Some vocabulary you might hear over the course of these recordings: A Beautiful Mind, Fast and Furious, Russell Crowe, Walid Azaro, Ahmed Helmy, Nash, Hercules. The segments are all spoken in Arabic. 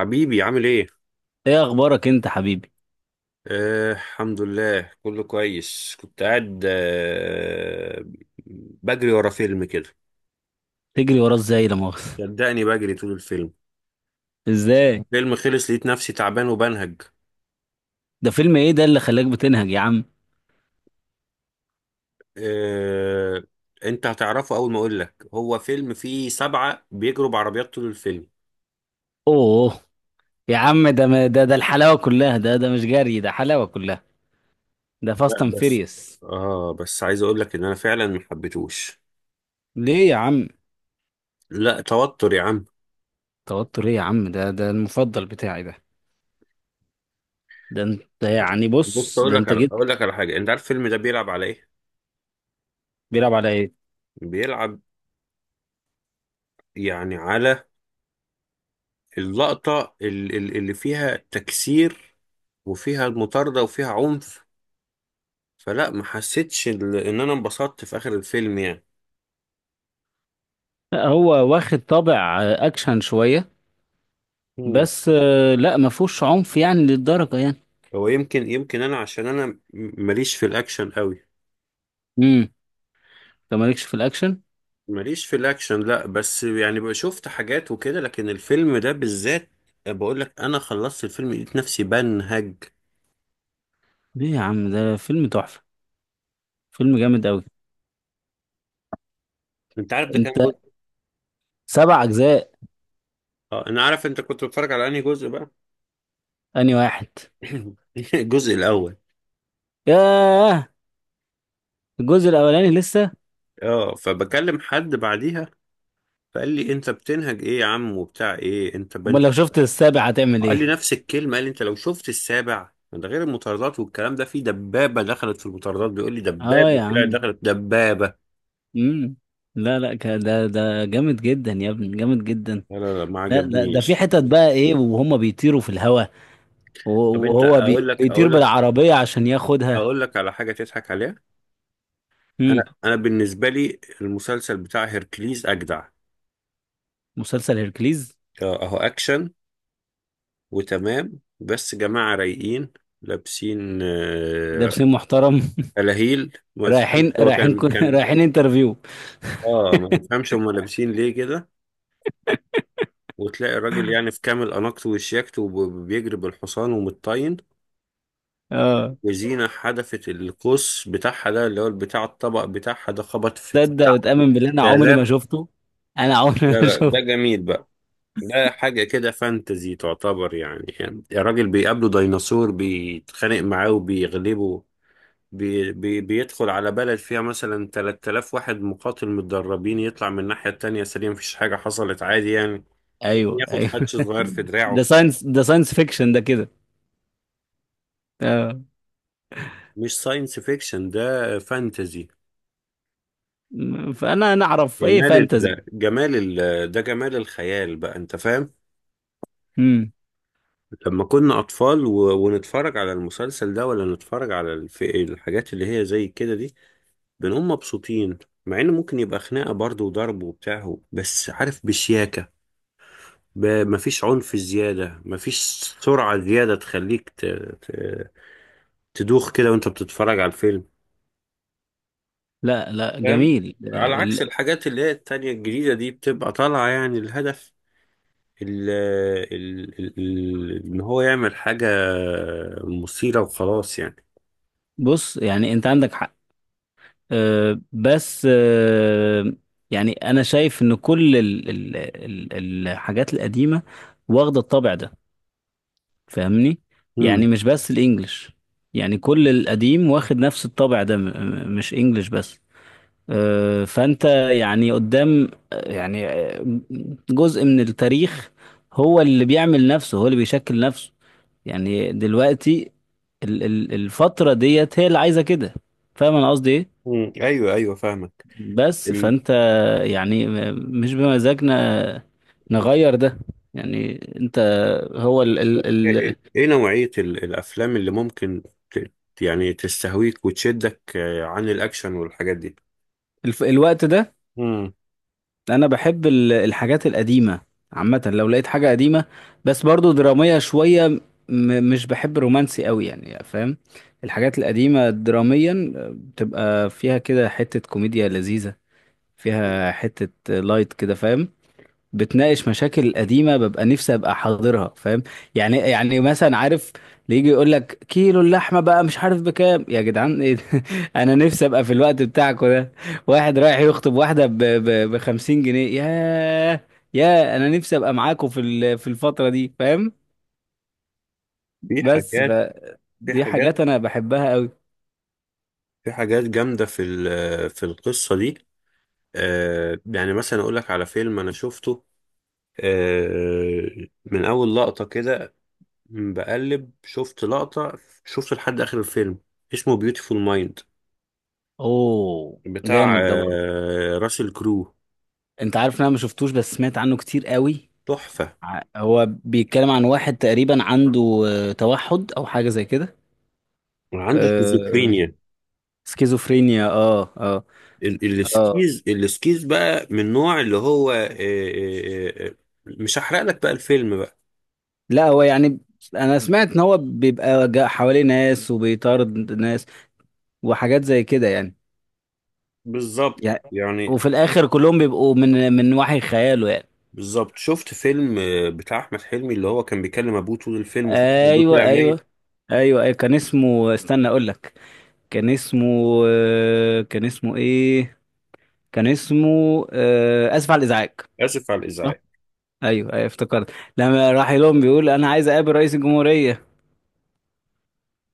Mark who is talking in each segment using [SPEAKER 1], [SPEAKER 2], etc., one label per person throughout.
[SPEAKER 1] حبيبي، عامل ايه؟
[SPEAKER 2] ايه اخبارك انت حبيبي.
[SPEAKER 1] الحمد لله كله كويس. كنت قاعد بجري ورا فيلم كده.
[SPEAKER 2] تجري وراه ازاي لا مؤاخذة؟
[SPEAKER 1] صدقني بجري طول الفيلم.
[SPEAKER 2] ازاي؟
[SPEAKER 1] فيلم خلص لقيت نفسي تعبان وبنهج.
[SPEAKER 2] ده فيلم ايه ده اللي خلاك بتنهج يا عم؟
[SPEAKER 1] آه، انت هتعرفه اول ما اقول لك. هو فيلم فيه سبعة بيجروا بعربيات طول الفيلم.
[SPEAKER 2] اوه، يا عم ده الحلاوة كلها، ده مش جري، ده حلاوة كلها. ده فاست
[SPEAKER 1] لا
[SPEAKER 2] اند
[SPEAKER 1] بس.
[SPEAKER 2] فيريوس.
[SPEAKER 1] اه بس عايز اقول لك ان انا فعلا ما حبيتهوش.
[SPEAKER 2] ليه يا عم؟
[SPEAKER 1] لا توتر يا عم.
[SPEAKER 2] توتر ايه يا عم؟ ده المفضل بتاعي ده. ده انت يعني،
[SPEAKER 1] بص،
[SPEAKER 2] بص ده انت جيت.
[SPEAKER 1] اقول لك على حاجة. انت عارف الفيلم ده بيلعب على ايه؟
[SPEAKER 2] بيلعب على ايه؟
[SPEAKER 1] بيلعب يعني على اللقطة اللي فيها تكسير، وفيها المطاردة وفيها عنف. فلا ما حسيتش ان انا انبسطت في اخر الفيلم يعني.
[SPEAKER 2] لا، هو واخد طابع اكشن شوية.
[SPEAKER 1] مم.
[SPEAKER 2] بس لا، ما فيهوش عنف يعني للدرجة يعني.
[SPEAKER 1] هو يمكن انا عشان انا ماليش في الاكشن قوي.
[SPEAKER 2] امم انت مالكش في الاكشن.
[SPEAKER 1] ماليش في الاكشن، لا بس يعني بقى شفت حاجات وكده، لكن الفيلم ده بالذات، بقول لك، انا خلصت الفيلم لقيت نفسي بنهج.
[SPEAKER 2] ليه يا عم؟ ده فيلم تحفة، فيلم جامد قوي.
[SPEAKER 1] انت عارف ده
[SPEAKER 2] انت،
[SPEAKER 1] كام جزء؟
[SPEAKER 2] سبع اجزاء.
[SPEAKER 1] اه، انا عارف. انت كنت بتتفرج على انهي جزء بقى؟
[SPEAKER 2] انهي واحد؟
[SPEAKER 1] الجزء الاول.
[SPEAKER 2] ياه، الجزء الاولاني لسه.
[SPEAKER 1] اه، فبكلم حد بعديها، فقال لي انت بتنهج ايه يا عم وبتاع ايه انت
[SPEAKER 2] امال
[SPEAKER 1] بنت؟
[SPEAKER 2] لو شفت السابع هتعمل
[SPEAKER 1] قال لي
[SPEAKER 2] ايه؟
[SPEAKER 1] نفس الكلمه. قال لي انت لو شفت السابع ده غير المطاردات والكلام ده، في دبابه دخلت في المطاردات، بيقول لي
[SPEAKER 2] اه يا
[SPEAKER 1] دبابه طلعت
[SPEAKER 2] عم.
[SPEAKER 1] دخلت دبابه.
[SPEAKER 2] امم لا لا ده جامد جدا يا ابني، جامد جدا.
[SPEAKER 1] لا لا لا، ما
[SPEAKER 2] لا لا، ده في
[SPEAKER 1] عجبنيش.
[SPEAKER 2] حتت بقى ايه وهم بيطيروا في الهواء،
[SPEAKER 1] طب انت،
[SPEAKER 2] وهو بيطير بالعربية عشان ياخدها.
[SPEAKER 1] اقول لك على حاجه تضحك عليها. انا
[SPEAKER 2] امم
[SPEAKER 1] انا بالنسبه لي المسلسل بتاع هيركليز اجدع.
[SPEAKER 2] مسلسل هيركليز؟
[SPEAKER 1] اه، اهو اكشن وتمام، بس جماعه رايقين لابسين،
[SPEAKER 2] ده
[SPEAKER 1] آه،
[SPEAKER 2] بسيم محترم.
[SPEAKER 1] فلاهيل ما تفهمش. هو كان كان
[SPEAKER 2] رايحين انترفيو.
[SPEAKER 1] اه، ما تفهمش هم لابسين ليه كده. وتلاقي الراجل يعني في كامل أناقته وشياكته، وبيجري بالحصان ومتطين،
[SPEAKER 2] اه.
[SPEAKER 1] وزينة حدفت القوس بتاعها ده اللي هو بتاع الطبق بتاعها ده، خبط في
[SPEAKER 2] تصدق
[SPEAKER 1] تسع
[SPEAKER 2] وتأمن بالله انا عمري ما
[SPEAKER 1] آلاف
[SPEAKER 2] شفته. انا عمري
[SPEAKER 1] لا
[SPEAKER 2] ما
[SPEAKER 1] لا، ده
[SPEAKER 2] شفته.
[SPEAKER 1] جميل بقى. ده حاجة كده فانتزي تعتبر يعني، الراجل بيقابله ديناصور بيتخانق معاه وبيغلبه. بي بي بيدخل على بلد فيها مثلا 3000 واحد مقاتل متدربين، يطلع من الناحية التانية سليم، مفيش حاجة حصلت عادي يعني. ممكن
[SPEAKER 2] ايوه
[SPEAKER 1] ياخد
[SPEAKER 2] ايوه.
[SPEAKER 1] حدش صغير في دراعه.
[SPEAKER 2] ده ساينس فيكشن ده كده. آه.
[SPEAKER 1] مش ساينس فيكشن، ده فانتزي.
[SPEAKER 2] فانا نعرف ايه
[SPEAKER 1] جمال
[SPEAKER 2] فانتزي؟
[SPEAKER 1] ال... ده جمال الخيال بقى، انت فاهم؟
[SPEAKER 2] امم
[SPEAKER 1] لما كنا اطفال ونتفرج على المسلسل ده، ولا نتفرج على الحاجات اللي هي زي كده دي، بنقوم مبسوطين. مع ان ممكن يبقى خناقه برضه وضرب وبتاع، بس عارف بشياكه. مفيش عنف زياده، مفيش سرعه زياده تخليك ت... تدوخ كده وانت بتتفرج على الفيلم.
[SPEAKER 2] لا لا،
[SPEAKER 1] فاهم؟
[SPEAKER 2] جميل
[SPEAKER 1] على عكس الحاجات اللي هي التانية الجديدة دي، بتبقى طالعة يعني الهدف ان هو يعمل حاجة مثيرة وخلاص يعني.
[SPEAKER 2] بص يعني انت عندك حق. بس يعني انا شايف ان كل الحاجات القديمه واخده الطابع ده، فاهمني؟
[SPEAKER 1] مم.
[SPEAKER 2] يعني مش بس الانجليش، يعني كل القديم واخد نفس الطابع ده، مش انجليش بس. فانت يعني قدام، يعني جزء من التاريخ هو اللي بيعمل نفسه، هو اللي بيشكل نفسه. يعني دلوقتي الفترة ديت هي اللي عايزة كده. فاهم انا قصدي ايه؟
[SPEAKER 1] مم. ايوه ايوه، فاهمك.
[SPEAKER 2] بس
[SPEAKER 1] ال...
[SPEAKER 2] فانت يعني، مش بمزاجنا نغير ده. يعني انت، هو ال ال
[SPEAKER 1] ايه
[SPEAKER 2] ال
[SPEAKER 1] إيه، إيه نوعية الافلام اللي ممكن ت... يعني تستهويك وتشدك، آه، عن الاكشن والحاجات دي؟
[SPEAKER 2] الف- الوقت ده.
[SPEAKER 1] مم.
[SPEAKER 2] انا بحب الحاجات القديمه عامه. لو لقيت حاجه قديمه بس برضو دراميه شويه، مش بحب رومانسي قوي يعني، فاهم؟ الحاجات القديمه دراميا بتبقى فيها كده حته كوميديا لذيذه، فيها حته لايت كده، فاهم؟ بتناقش مشاكل قديمه، ببقى نفسي ابقى حاضرها، فاهم؟ يعني مثلا عارف، اللي يجي يقول لك كيلو اللحمه بقى مش عارف بكام يا جدعان، ايه ده؟ انا نفسي ابقى في الوقت بتاعكم ده. واحد رايح يخطب واحده ب 50 جنيه، يا انا نفسي ابقى معاكم في في الفتره دي، فاهم؟
[SPEAKER 1] في
[SPEAKER 2] بس
[SPEAKER 1] حاجات
[SPEAKER 2] ف
[SPEAKER 1] في
[SPEAKER 2] دي
[SPEAKER 1] حاجات
[SPEAKER 2] حاجات انا بحبها قوي.
[SPEAKER 1] في حاجات جامدة في في القصة دي. آه، يعني مثلا أقول لك على فيلم أنا شفته، آه، من أول لقطة كده. بقلب شفت لقطة شفت لحد آخر الفيلم. اسمه بيوتيفول مايند،
[SPEAKER 2] اوه،
[SPEAKER 1] بتاع
[SPEAKER 2] جامد ده برضه.
[SPEAKER 1] راسل كرو.
[SPEAKER 2] انت عارف ان انا ما شفتوش، بس سمعت عنه كتير قوي.
[SPEAKER 1] تحفة.
[SPEAKER 2] هو بيتكلم عن واحد تقريبا عنده توحد او حاجه زي كده.
[SPEAKER 1] وعنده
[SPEAKER 2] آه،
[SPEAKER 1] شيزوفرينيا.
[SPEAKER 2] سكيزوفرينيا، اه اه اه.
[SPEAKER 1] السكيز بقى من نوع اللي هو مش هحرق لك بقى الفيلم بقى.
[SPEAKER 2] لا هو يعني، انا سمعت ان هو بيبقى جا- حواليه ناس وبيطارد ناس وحاجات زي كده يعني.
[SPEAKER 1] بالظبط
[SPEAKER 2] يعني
[SPEAKER 1] يعني.
[SPEAKER 2] وفي الاخر كلهم بيبقوا من وحي خياله يعني.
[SPEAKER 1] بالظبط، شفت فيلم بتاع أحمد حلمي اللي هو كان بيكلم أبوه طول الفيلم وفي الآخر أبوه
[SPEAKER 2] ايوه
[SPEAKER 1] طلع
[SPEAKER 2] ايوه.
[SPEAKER 1] ميت.
[SPEAKER 2] ايوه كان اسمه، استنى اقول لك. كان اسمه كان اسمه ايه؟ كان اسمه اسف على الازعاج.
[SPEAKER 1] آسف على الإزعاج.
[SPEAKER 2] ايوه ايوه افتكرت. لما راح لهم بيقول انا عايز اقابل رئيس الجمهورية،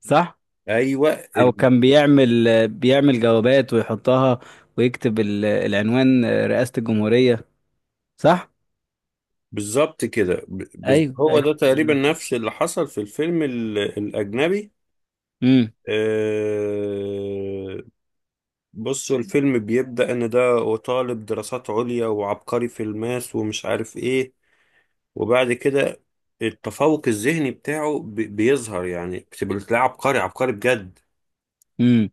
[SPEAKER 2] صح؟
[SPEAKER 1] أيوه،
[SPEAKER 2] او كان بيعمل، بيعمل جوابات ويحطها ويكتب العنوان رئاسة الجمهورية، صح؟
[SPEAKER 1] بالظبط كده.
[SPEAKER 2] ايوه
[SPEAKER 1] هو
[SPEAKER 2] ايوه.
[SPEAKER 1] ده تقريبا نفس اللي حصل في الفيلم الأجنبي.
[SPEAKER 2] امم
[SPEAKER 1] آه، بصوا، الفيلم بيبدأ إن ده طالب دراسات عليا وعبقري في الماس ومش عارف إيه. وبعد كده، التفوق الذهني بتاعه بيظهر يعني، بتبقى تلاقيه عبقري عبقري بجد.
[SPEAKER 2] امم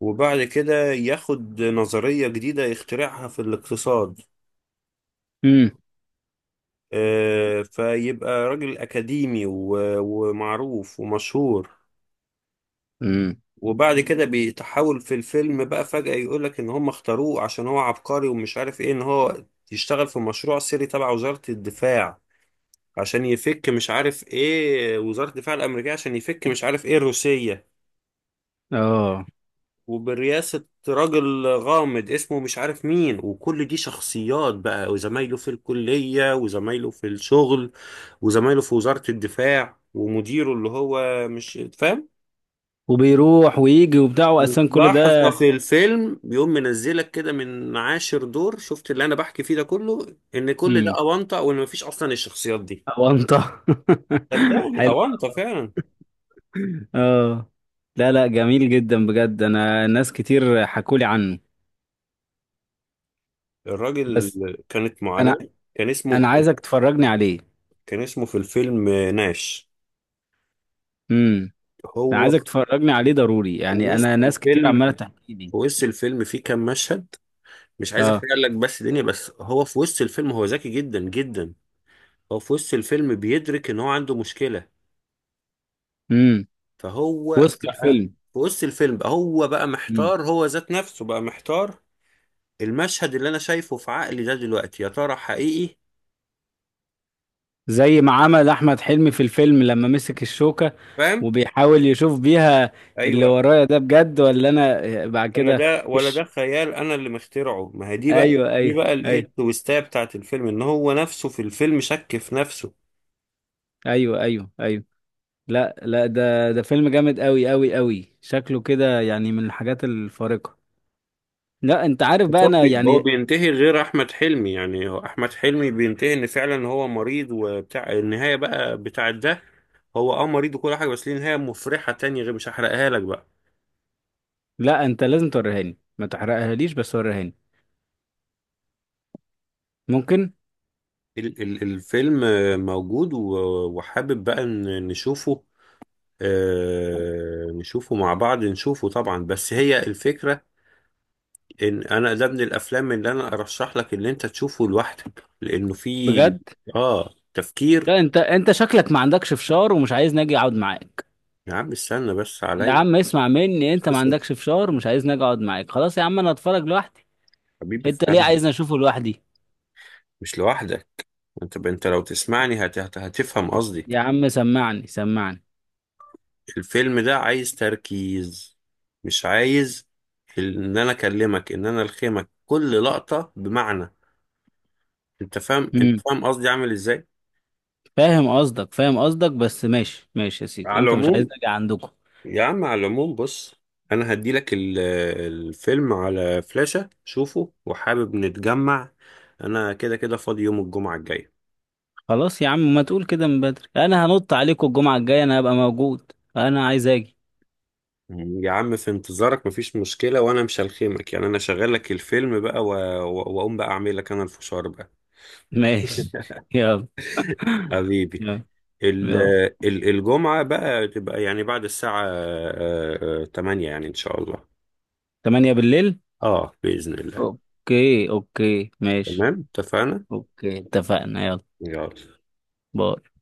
[SPEAKER 1] وبعد كده ياخد نظرية جديدة يخترعها في الاقتصاد.
[SPEAKER 2] امم
[SPEAKER 1] آه، فيبقى راجل أكاديمي ومعروف ومشهور.
[SPEAKER 2] امم
[SPEAKER 1] وبعد كده بيتحول في الفيلم بقى فجأة، يقولك ان هم اختاروه عشان هو عبقري ومش عارف ايه، ان هو يشتغل في مشروع سري تبع وزارة الدفاع عشان يفك مش عارف ايه وزارة الدفاع الأمريكية، عشان يفك مش عارف ايه الروسية.
[SPEAKER 2] اه
[SPEAKER 1] وبرئاسة راجل غامض اسمه مش عارف مين، وكل دي شخصيات بقى، وزمايله في الكلية وزمايله في الشغل وزمايله في وزارة الدفاع ومديره اللي هو مش فاهم.
[SPEAKER 2] وبيروح ويجي وبتاع
[SPEAKER 1] وفي
[SPEAKER 2] واساسا كل
[SPEAKER 1] لحظة
[SPEAKER 2] ده.
[SPEAKER 1] في الفيلم بيقوم منزلك كده من عاشر دور، شفت اللي انا بحكي فيه ده كله، ان كل ده
[SPEAKER 2] امم
[SPEAKER 1] اونطه وان مفيش اصلا الشخصيات دي.
[SPEAKER 2] اونطه؟
[SPEAKER 1] صدقني
[SPEAKER 2] حلو.
[SPEAKER 1] اونطه فعلا.
[SPEAKER 2] اه. لا لا، جميل جدا بجد، انا ناس كتير حكولي عنه
[SPEAKER 1] الراجل
[SPEAKER 2] بس.
[SPEAKER 1] كانت معاناة.
[SPEAKER 2] انا
[SPEAKER 1] كان
[SPEAKER 2] انا
[SPEAKER 1] اسمه
[SPEAKER 2] عايزك تفرجني عليه.
[SPEAKER 1] كان اسمه في الفيلم ناش.
[SPEAKER 2] امم انا
[SPEAKER 1] هو
[SPEAKER 2] عايزك تفرجني عليه ضروري يعني، انا
[SPEAKER 1] وسط
[SPEAKER 2] ناس كتير
[SPEAKER 1] الفيلم
[SPEAKER 2] عماله تحكي لي.
[SPEAKER 1] في وسط الفيلم في كام مشهد، مش عايز
[SPEAKER 2] اه.
[SPEAKER 1] احرق لك بس دنيا، بس هو في وسط الفيلم هو ذكي جدا جدا. هو في وسط الفيلم بيدرك ان هو عنده مشكلة.
[SPEAKER 2] امم
[SPEAKER 1] فهو
[SPEAKER 2] وسط
[SPEAKER 1] بقى
[SPEAKER 2] الفيلم.
[SPEAKER 1] في وسط الفيلم بقى هو بقى
[SPEAKER 2] امم
[SPEAKER 1] محتار، هو ذات نفسه بقى محتار. المشهد اللي انا شايفه في عقلي ده دلوقتي، يا ترى حقيقي؟
[SPEAKER 2] زي ما عمل احمد حلمي في الفيلم لما مسك الشوكه
[SPEAKER 1] فاهم؟
[SPEAKER 2] وبيحاول يشوف بيها اللي
[SPEAKER 1] ايوه،
[SPEAKER 2] ورايا، ده بجد ولا انا بعد
[SPEAKER 1] ولا
[SPEAKER 2] كده.
[SPEAKER 1] ده ولا ده
[SPEAKER 2] ايش؟
[SPEAKER 1] خيال انا اللي مخترعه، ما هي دي بقى،
[SPEAKER 2] ايوه
[SPEAKER 1] دي
[SPEAKER 2] ايوه
[SPEAKER 1] بقى الايه
[SPEAKER 2] ايوه
[SPEAKER 1] التويستايه بتاعت الفيلم، ان هو نفسه في الفيلم شك في نفسه.
[SPEAKER 2] ايوه. لا لا، ده ده فيلم جامد قوي قوي قوي شكله كده، يعني من الحاجات الفارقه. لا، انت عارف
[SPEAKER 1] بس
[SPEAKER 2] بقى،
[SPEAKER 1] هو
[SPEAKER 2] انا
[SPEAKER 1] هو
[SPEAKER 2] يعني.
[SPEAKER 1] بينتهي غير احمد حلمي يعني. هو احمد حلمي بينتهي ان فعلا هو مريض وبتاع النهايه بقى بتاعت ده. هو مريض وكل حاجه، بس ليه نهايه مفرحه تانية غير، مش هحرقها لك بقى.
[SPEAKER 2] لا، انت لازم توريهاني، ما تحرقهاليش بس وريهاني. ممكن؟
[SPEAKER 1] الفيلم موجود، وحابب بقى نشوفه. آه، نشوفه مع بعض، نشوفه طبعا، بس هي الفكرة ان انا ده من الافلام اللي انا ارشح لك ان انت تشوفه لوحدك، لانه فيه
[SPEAKER 2] بجد.
[SPEAKER 1] اه تفكير.
[SPEAKER 2] لا، انت انت شكلك ما عندكش فشار ومش عايزني اجي اقعد معاك.
[SPEAKER 1] يا عم استنى بس
[SPEAKER 2] يا
[SPEAKER 1] عليا.
[SPEAKER 2] عم اسمع مني، انت ما
[SPEAKER 1] بس،
[SPEAKER 2] عندكش فشار ومش عايزني اجي اقعد معاك، خلاص يا عم انا اتفرج لوحدي.
[SPEAKER 1] حبيبي
[SPEAKER 2] انت ليه
[SPEAKER 1] افهمني.
[SPEAKER 2] عايزني اشوفه لوحدي؟
[SPEAKER 1] مش لوحدك. انت لو تسمعني هتفهم قصدي.
[SPEAKER 2] يا عم سمعني سمعني.
[SPEAKER 1] الفيلم ده عايز تركيز، مش عايز ان انا اكلمك ان انا الخمك كل لقطة بمعنى. انت فاهم، انت
[SPEAKER 2] امم
[SPEAKER 1] فاهم قصدي عامل ازاي؟
[SPEAKER 2] فاهم قصدك، فاهم قصدك، بس ماشي ماشي يا سيدي،
[SPEAKER 1] على
[SPEAKER 2] انت مش عايزني
[SPEAKER 1] العموم،
[SPEAKER 2] اجي عندكم.
[SPEAKER 1] يا عم، على العموم، بص، انا هديلك الفيلم على فلاشة، شوفه وحابب نتجمع. انا كده كده فاضي يوم الجمعة الجاية.
[SPEAKER 2] خلاص يا عم، ما تقول كده من بدري، انا هنط عليكم الجمعة الجاية، انا هبقى موجود، انا عايز اجي.
[SPEAKER 1] يا عم في انتظارك، مفيش مشكلة، وانا مش هلخيمك يعني، انا شغال لك الفيلم بقى واقوم بقى اعمل لك انا الفشار بقى.
[SPEAKER 2] ماشي. يلا.
[SPEAKER 1] حبيبي،
[SPEAKER 2] يلا.
[SPEAKER 1] ال-
[SPEAKER 2] يلا.
[SPEAKER 1] الجمعة بقى تبقى يعني بعد الساعة 8 يعني ان شاء الله.
[SPEAKER 2] 8 بالليل؟
[SPEAKER 1] اه، بإذن الله.
[SPEAKER 2] اوكي اوكي ماشي.
[SPEAKER 1] تمام اتفقنا.
[SPEAKER 2] اوكي اتفقنا. يلا.
[SPEAKER 1] يلا.
[SPEAKER 2] باي.